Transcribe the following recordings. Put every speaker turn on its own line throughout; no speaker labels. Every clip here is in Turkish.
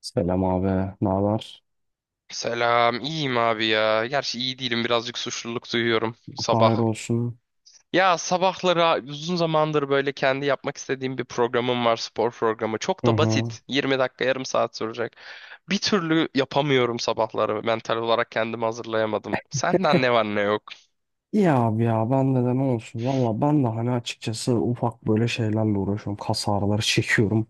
Selam abi. Ne haber?
Selam, iyiyim abi ya. Gerçi iyi değilim, birazcık suçluluk duyuyorum
Hayır
sabah.
olsun.
Ya sabahları uzun zamandır böyle kendi yapmak istediğim bir programım var, spor programı. Çok
Hı
da
hı.
basit, 20 dakika, yarım saat sürecek. Bir türlü yapamıyorum sabahları, mental olarak kendimi hazırlayamadım. Senden ne var ne yok.
İyi abi ya ben de ne olsun. Valla ben de hani açıkçası ufak böyle şeylerle uğraşıyorum. Kas ağrıları çekiyorum.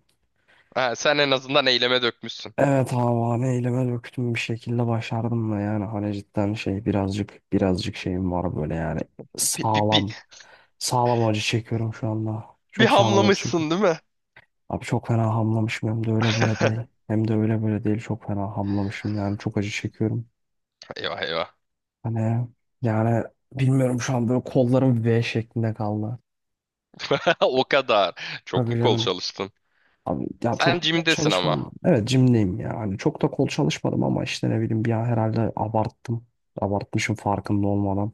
Ha, sen en azından eyleme dökmüşsün.
Evet abi hani elime döktüm bir şekilde başardım da yani hani cidden şey birazcık şeyim var böyle yani
Bir, bir,
sağlam
bir,
sağlam acı çekiyorum şu anda.
bir
Çok sağlam acı
hamlamışsın,
çekiyorum.
değil mi?
Abi çok fena hamlamışım hem de öyle böyle değil. Hem de öyle böyle değil çok fena hamlamışım yani çok acı çekiyorum.
Eyvah, eyvah.
Hani yani bilmiyorum şu an böyle kollarım V şeklinde kaldı.
O kadar. Çok
Tabii
mu kol
canım.
çalıştın?
Abi ya çok
Sen
da kol
jimdesin ama.
çalışmadım. Evet jimdeyim ya. Hani çok da kol çalışmadım ama işte ne bileyim bir an herhalde abarttım. Abartmışım farkında olmadan.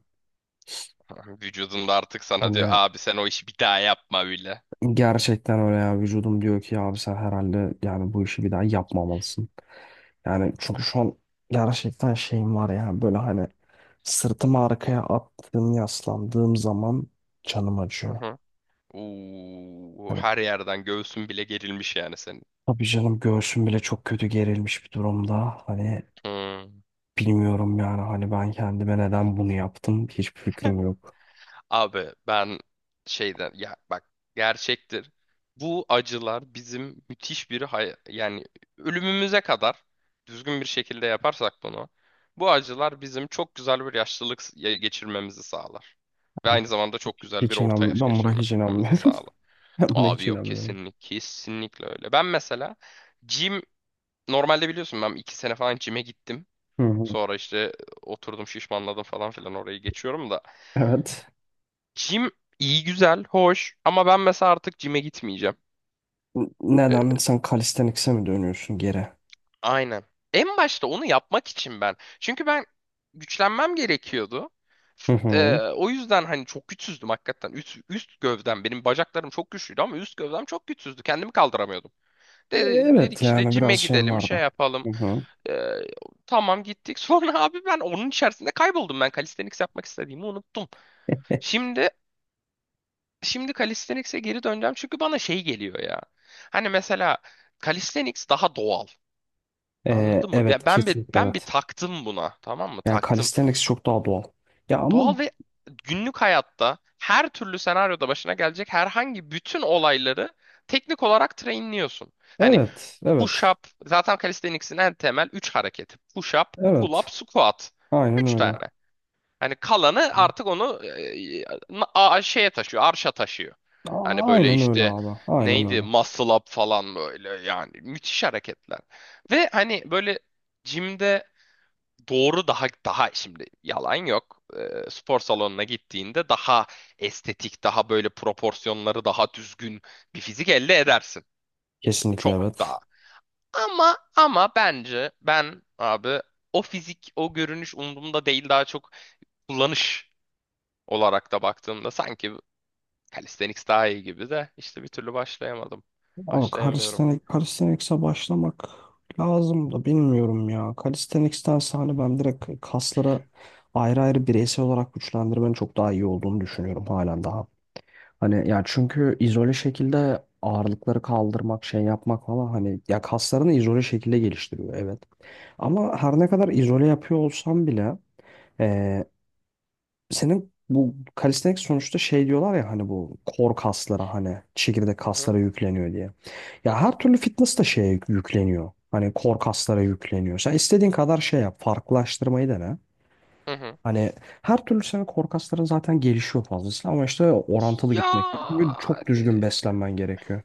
Vücudunda artık sana diyor,
Hani
abi sen o işi bir daha yapma bile.
gerçekten öyle ya vücudum diyor ki ya abi sen herhalde yani bu işi bir daha yapmamalısın. Yani çünkü şu an gerçekten şeyim var ya böyle hani sırtımı arkaya attığım yaslandığım zaman canım
Hı
acıyor.
hı. Oo,
Hani
her yerden göğsün bile gerilmiş yani senin.
tabii canım göğsüm bile çok kötü gerilmiş bir durumda. Hani
Hmm.
bilmiyorum yani hani ben kendime neden bunu yaptım hiçbir fikrim yok.
Abi ben şeyden ya, bak, gerçektir. Bu acılar bizim müthiş bir yani ölümümüze kadar düzgün bir şekilde yaparsak bunu, bu acılar bizim çok güzel bir yaşlılık geçirmemizi sağlar. Ve aynı zamanda çok güzel bir
Hiç
orta
inanmıyorum.
yaş
Ben buna hiç
geçirmemizi
inanmıyorum.
sağlar.
Ben buna
Abi
hiç
yok,
inanmıyorum.
kesinlikle kesinlikle öyle. Ben mesela gym, normalde biliyorsun, ben 2 sene falan gym'e gittim.
Hı hı.
Sonra işte oturdum, şişmanladım falan filan, orayı geçiyorum da.
Evet.
Gym iyi, güzel, hoş ama ben mesela artık gym'e gitmeyeceğim.
N-
E,
Neden sen kalistenikse mi dönüyorsun geri?
aynen. En başta onu yapmak için ben. Çünkü ben güçlenmem gerekiyordu.
Hı
E,
hı.
o yüzden hani çok güçsüzdüm hakikaten. Üst gövdem, benim bacaklarım çok güçlüydü ama üst gövdem çok güçsüzdü. Kendimi kaldıramıyordum.
Evet
Dedik işte,
yani biraz
cime
şeyim
gidelim, şey
vardı.
yapalım.
Hı hı.
Ee, tamam, gittik. Sonra abi ben onun içerisinde kayboldum. Ben calisthenics yapmak istediğimi unuttum. Şimdi şimdi calisthenics'e geri döneceğim çünkü bana şey geliyor ya. Hani mesela calisthenics daha doğal. Anladın mı? Ben
Evet
ben bir,
kesinlikle
ben bir
evet.
taktım buna. Tamam mı?
Yani
Taktım.
kalisteniks çok daha doğal. Ya
Doğal
ama
ve günlük hayatta her türlü senaryoda başına gelecek herhangi bütün olayları teknik olarak trainliyorsun. Hani
evet evet.
push-up. Zaten calisthenics'in en temel 3 hareketi: push-up,
Evet.
pull-up, squat.
Aynen
3
öyle.
tane. Hani kalanı artık onu, şeye taşıyor, arşa taşıyor. Hani
A-
böyle
Aynen öyle
işte
abi. Aynen
neydi,
öyle.
muscle up falan, böyle yani müthiş hareketler. Ve hani böyle jimde doğru, daha şimdi, yalan yok. E, spor salonuna gittiğinde daha estetik, daha böyle proporsiyonları daha düzgün bir fizik elde edersin. Şimdi
Kesinlikle
çok
evet.
daha, ama bence ben abi, o fizik, o görünüş umurumda değil, daha çok kullanış olarak da baktığımda sanki calisthenics daha iyi gibi, de işte bir türlü başlayamadım.
Ama
Başlayamıyorum.
calisthenics'e başlamak lazım da bilmiyorum ya. Calisthenics'tense hani ben direkt kaslara ayrı ayrı bireysel olarak güçlendirmenin çok daha iyi olduğunu düşünüyorum halen daha. Hani ya çünkü izole şekilde ağırlıkları kaldırmak, şey yapmak falan hani ya kaslarını izole şekilde geliştiriyor evet. Ama her ne kadar izole yapıyor olsam bile senin bu kalistenik sonuçta şey diyorlar ya hani bu kor kaslara hani çekirdek
Hı hı,
kaslara yükleniyor diye.
hı
Ya her
hı,
türlü fitness da şeye yükleniyor. Hani kor kaslara yükleniyor. Sen istediğin kadar şey yap. Farklılaştırmayı dene.
hı hı.
Hani her türlü senin kor kasların zaten gelişiyor fazlasıyla ama işte orantılı gitmek gerekiyor. Ve çok
Yani
düzgün beslenmen gerekiyor.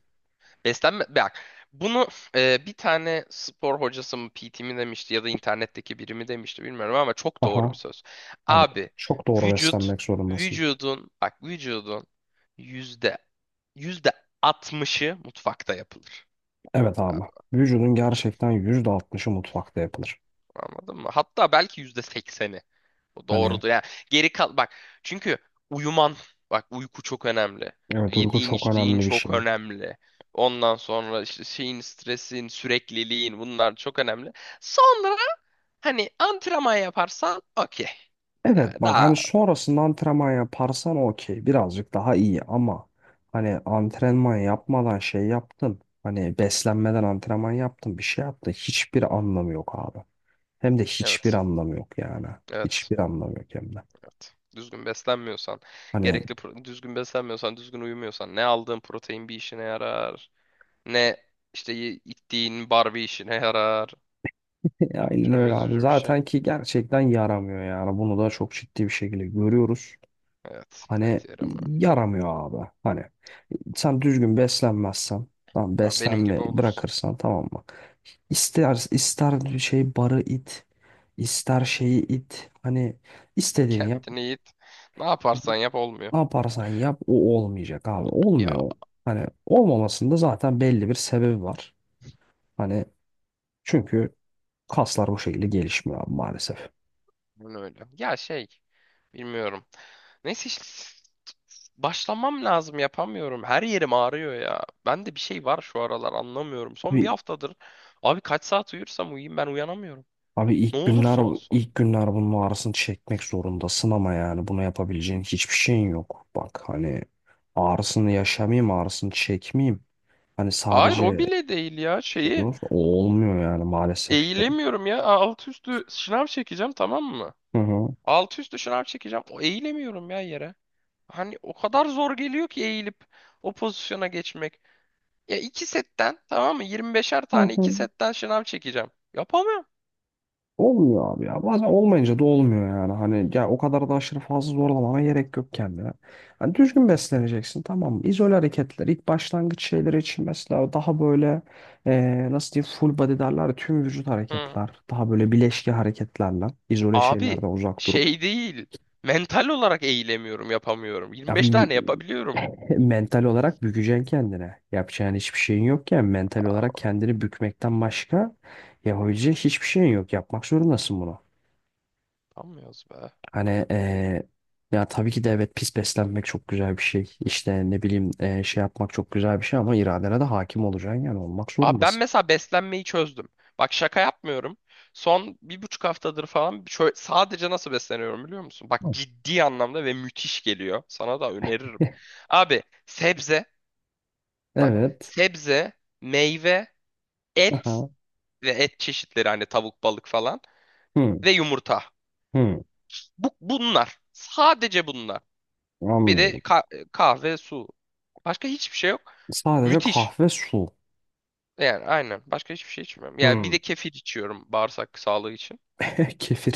beslenme, bak, bunu, bir tane spor hocası mı, PT mi demişti, ya da internetteki biri mi demişti bilmiyorum ama çok doğru bir
Aha.
söz.
Abi
Abi,
çok doğru
vücut
beslenmek zorundasın.
vücudun, bak, vücudun, yüzde yüzde 60'ı mutfakta yapılır.
Evet abi.
Abi,
Vücudun
bu
gerçekten %60'ı mutfakta yapılır.
Anladın mı? Hatta belki %80'i. O
Hani
doğrudur. Yani geri kal, bak, çünkü uyuman, bak, uyku çok önemli.
evet uyku
Yediğin,
çok
içtiğin
önemli bir
çok
şey.
önemli. Ondan sonra işte şeyin, stresin, sürekliliğin, bunlar çok önemli. Sonra hani antrenman yaparsan okey.
Evet
Yani
bak
daha,
hani sonrasında antrenman yaparsan okey birazcık daha iyi ama hani antrenman yapmadan şey yaptın hani beslenmeden antrenman yaptın bir şey yaptın hiçbir anlamı yok abi. Hem de hiçbir
evet.
anlamı yok yani.
Evet.
Hiçbir anlamı yok hem de.
Evet. Düzgün beslenmiyorsan,
Hani
gerekli düzgün beslenmiyorsan, düzgün uyumuyorsan, ne aldığın protein bir işine yarar, ne işte içtiğin bar bir işine yarar.
aynen
Çok
öyle abi.
üzücü bir şey.
Zaten ki gerçekten yaramıyor yani. Bunu da çok ciddi bir şekilde görüyoruz.
Evet.
Hani
Evet, yaramıyor.
yaramıyor abi. Hani sen düzgün beslenmezsen, tamam
Ha, benim gibi
beslenme
olursun.
bırakırsan tamam mı? İster ister şey barı it, ister şeyi it. Hani istediğini yap.
Kendini yiğit. Ne yaparsan yap, olmuyor.
Ne yaparsan yap o olmayacak abi.
Ya,
Olmuyor. Hani olmamasında zaten belli bir sebebi var. Hani çünkü kaslar o şekilde gelişmiyor abi maalesef.
bunu öyle. Ya şey. Bilmiyorum. Neyse işte. Başlamam lazım, yapamıyorum. Her yerim ağrıyor ya. Bende bir şey var şu aralar, anlamıyorum. Son bir
Abi,
haftadır abi, kaç saat uyursam uyuyayım, ben uyanamıyorum.
abi
Ne
ilk günler
olursa olsun.
ilk günler bunun ağrısını çekmek zorundasın ama yani bunu yapabileceğin hiçbir şeyin yok. Bak hani ağrısını yaşamayayım, ağrısını çekmeyeyim. Hani
Hayır, o
sadece
bile değil ya,
şey
şeyi.
olur. O olmuyor yani maalesef ki.
Eğilemiyorum ya. Alt üstü şınav çekeceğim, tamam mı?
Hı hı.
Alt üstü şınav çekeceğim. O eğilemiyorum ya yere. Hani o kadar zor geliyor ki eğilip o pozisyona geçmek. Ya iki setten, tamam mı? 25'er tane iki setten şınav çekeceğim. Yapamıyorum.
Olmuyor abi ya. Bazen olmayınca da olmuyor yani. Hani ya o kadar da aşırı fazla zorlamana gerek yok kendine. Hani düzgün besleneceksin tamam mı? İzole hareketler ilk başlangıç şeyleri için mesela daha böyle nasıl diyeyim full body derler ya, tüm vücut
Hı.
hareketler. Daha böyle bileşki hareketlerle izole
Abi,
şeylerden uzak durup
şey değil. Mental olarak eğilemiyorum, yapamıyorum.
ya,
25 tane yapabiliyorum.
mental olarak bükeceksin kendine. Yapacağın hiçbir şeyin yokken mental olarak kendini bükmekten başka yapabileceğin hiçbir şeyin yok. Yapmak zorundasın bunu.
Yapamıyoruz be.
Hani ya tabii ki de evet pis beslenmek çok güzel bir şey. İşte ne bileyim şey yapmak çok güzel bir şey ama iradene de hakim olacaksın yani olmak
Abi ben
zorundasın.
mesela beslenmeyi çözdüm. Bak, şaka yapmıyorum. Son 1,5 haftadır falan şöyle, sadece nasıl besleniyorum biliyor musun? Bak,
Hı.
ciddi anlamda ve müthiş geliyor. Sana da öneririm. Abi, bak,
Evet.
sebze, meyve, et
Aha.
ve et çeşitleri, hani tavuk, balık falan
Hı,
ve yumurta.
hı.
Bunlar. Sadece bunlar. Bir de
Anlıyorum.
kahve, su. Başka hiçbir şey yok.
Sadece
Müthiş.
kahve su.
Yani aynen. Başka hiçbir şey içmiyorum. Yani bir
Hı.
de kefir içiyorum bağırsak sağlığı için.
Kefir.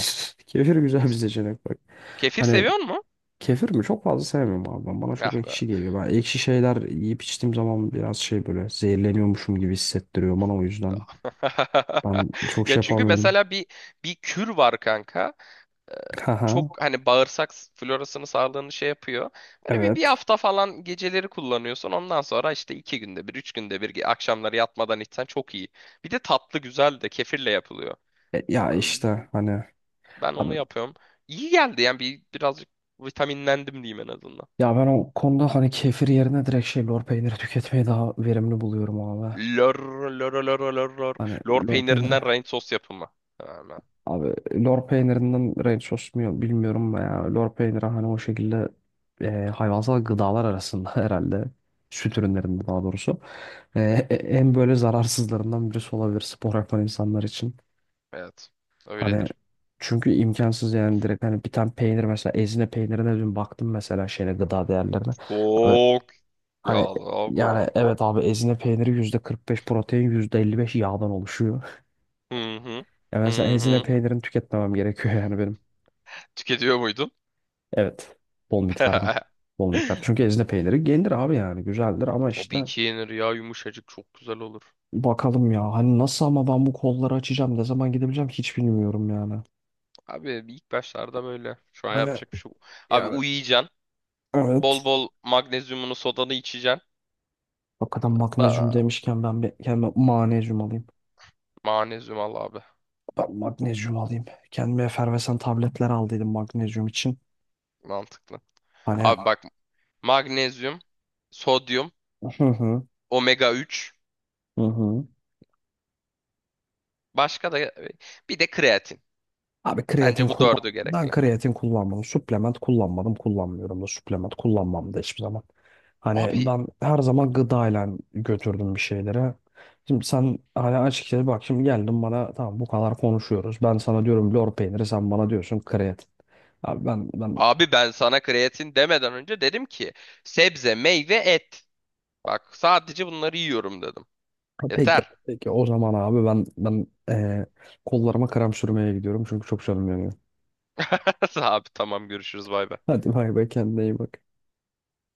Kefir güzel bir seçenek bak.
Kefir
Hani
seviyor mu?
kefir mi? Çok fazla sevmiyorum abi ben. Bana çok
Ah be.
ekşi geliyor. Ben ekşi şeyler yiyip içtiğim zaman biraz şey böyle zehirleniyormuşum gibi hissettiriyor bana o yüzden. Ben çok
Ya
şey
çünkü
yapamıyorum.
mesela bir kür var, kanka.
Haha.
Çok hani bağırsak florasını, sağlığını şey yapıyor. Böyle bir
Evet.
hafta falan geceleri kullanıyorsun. Ondan sonra işte iki günde bir, üç günde bir akşamları yatmadan içsen çok iyi. Bir de tatlı güzel de kefirle yapılıyor.
Ya işte hani
Ben
abi
onu yapıyorum. İyi geldi yani, birazcık vitaminlendim diyeyim en azından.
ya ben o konuda hani kefir yerine direkt şey lor peyniri tüketmeyi daha verimli buluyorum abi.
Lor, lor, lor, lor, lor.
Hani
Lor
lor peyniri.
peynirinden rain sos yapımı. Hemen.
Abi lor peynirinden ranch sos mu bilmiyorum ya. Lor peyniri hani o şekilde hayvansal gıdalar arasında herhalde süt ürünlerinde daha doğrusu e, en böyle zararsızlarından birisi olabilir spor yapan insanlar için.
Evet.
Hani
Öyledir.
çünkü imkansız yani direkt hani bir tane peynir mesela ezine peynirine dün baktım mesela şeyle gıda değerlerine. Abi
Çok
hani
yağlı bu.
yani evet abi ezine peyniri %45 protein %55 yağdan oluşuyor.
Hı hı.
Ya mesela
Hı
ezine
hı.
peynirini tüketmemem gerekiyor yani benim.
Tüketiyor muydun?
Evet. Bol miktarda. Bol miktar. Çünkü ezine peyniri gelir abi yani. Güzeldir ama işte
Tabii ki yenir ya, yumuşacık, çok güzel olur.
bakalım ya. Hani nasıl ama ben bu kolları açacağım. Ne zaman gidebileceğim hiç bilmiyorum yani.
Abi ilk başlarda böyle. Şu an
Hani
yapacak bir şey yok. Abi
yani
uyuyacaksın. Bol
evet.
bol magnezyumunu, sodanı içeceksin.
Hakikaten magnezyum
Da
demişken ben bir kendime manezyum alayım.
magnezyum al abi.
Ben magnezyum alayım. Kendime efervesan tabletler aldıydım magnezyum için.
Mantıklı.
Hani
Abi bak, magnezyum, sodyum,
hı hı
omega-3.
hı hı.
Başka da bir de kreatin.
Abi kreatin
Bence bu dördü
kullan. Ben
gerekli.
kreatin kullanmadım. Suplement kullanmadım. Kullanmıyorum da suplement kullanmam da hiçbir zaman. Hani
Abi
ben her zaman gıdayla götürdüm bir şeylere. Şimdi sen hani açıkçası bak şimdi geldin bana tamam bu kadar konuşuyoruz. Ben sana diyorum lor peyniri sen bana diyorsun kreatin. Abi ben
abi, ben sana kreatin demeden önce dedim ki sebze, meyve, et. Bak, sadece bunları yiyorum dedim.
ha, peki
Yeter.
peki o zaman abi ben kollarıma krem sürmeye gidiyorum çünkü çok canım yanıyor.
Abi, tamam, görüşürüz, bay bay.
Hadi bay bay kendine iyi bak.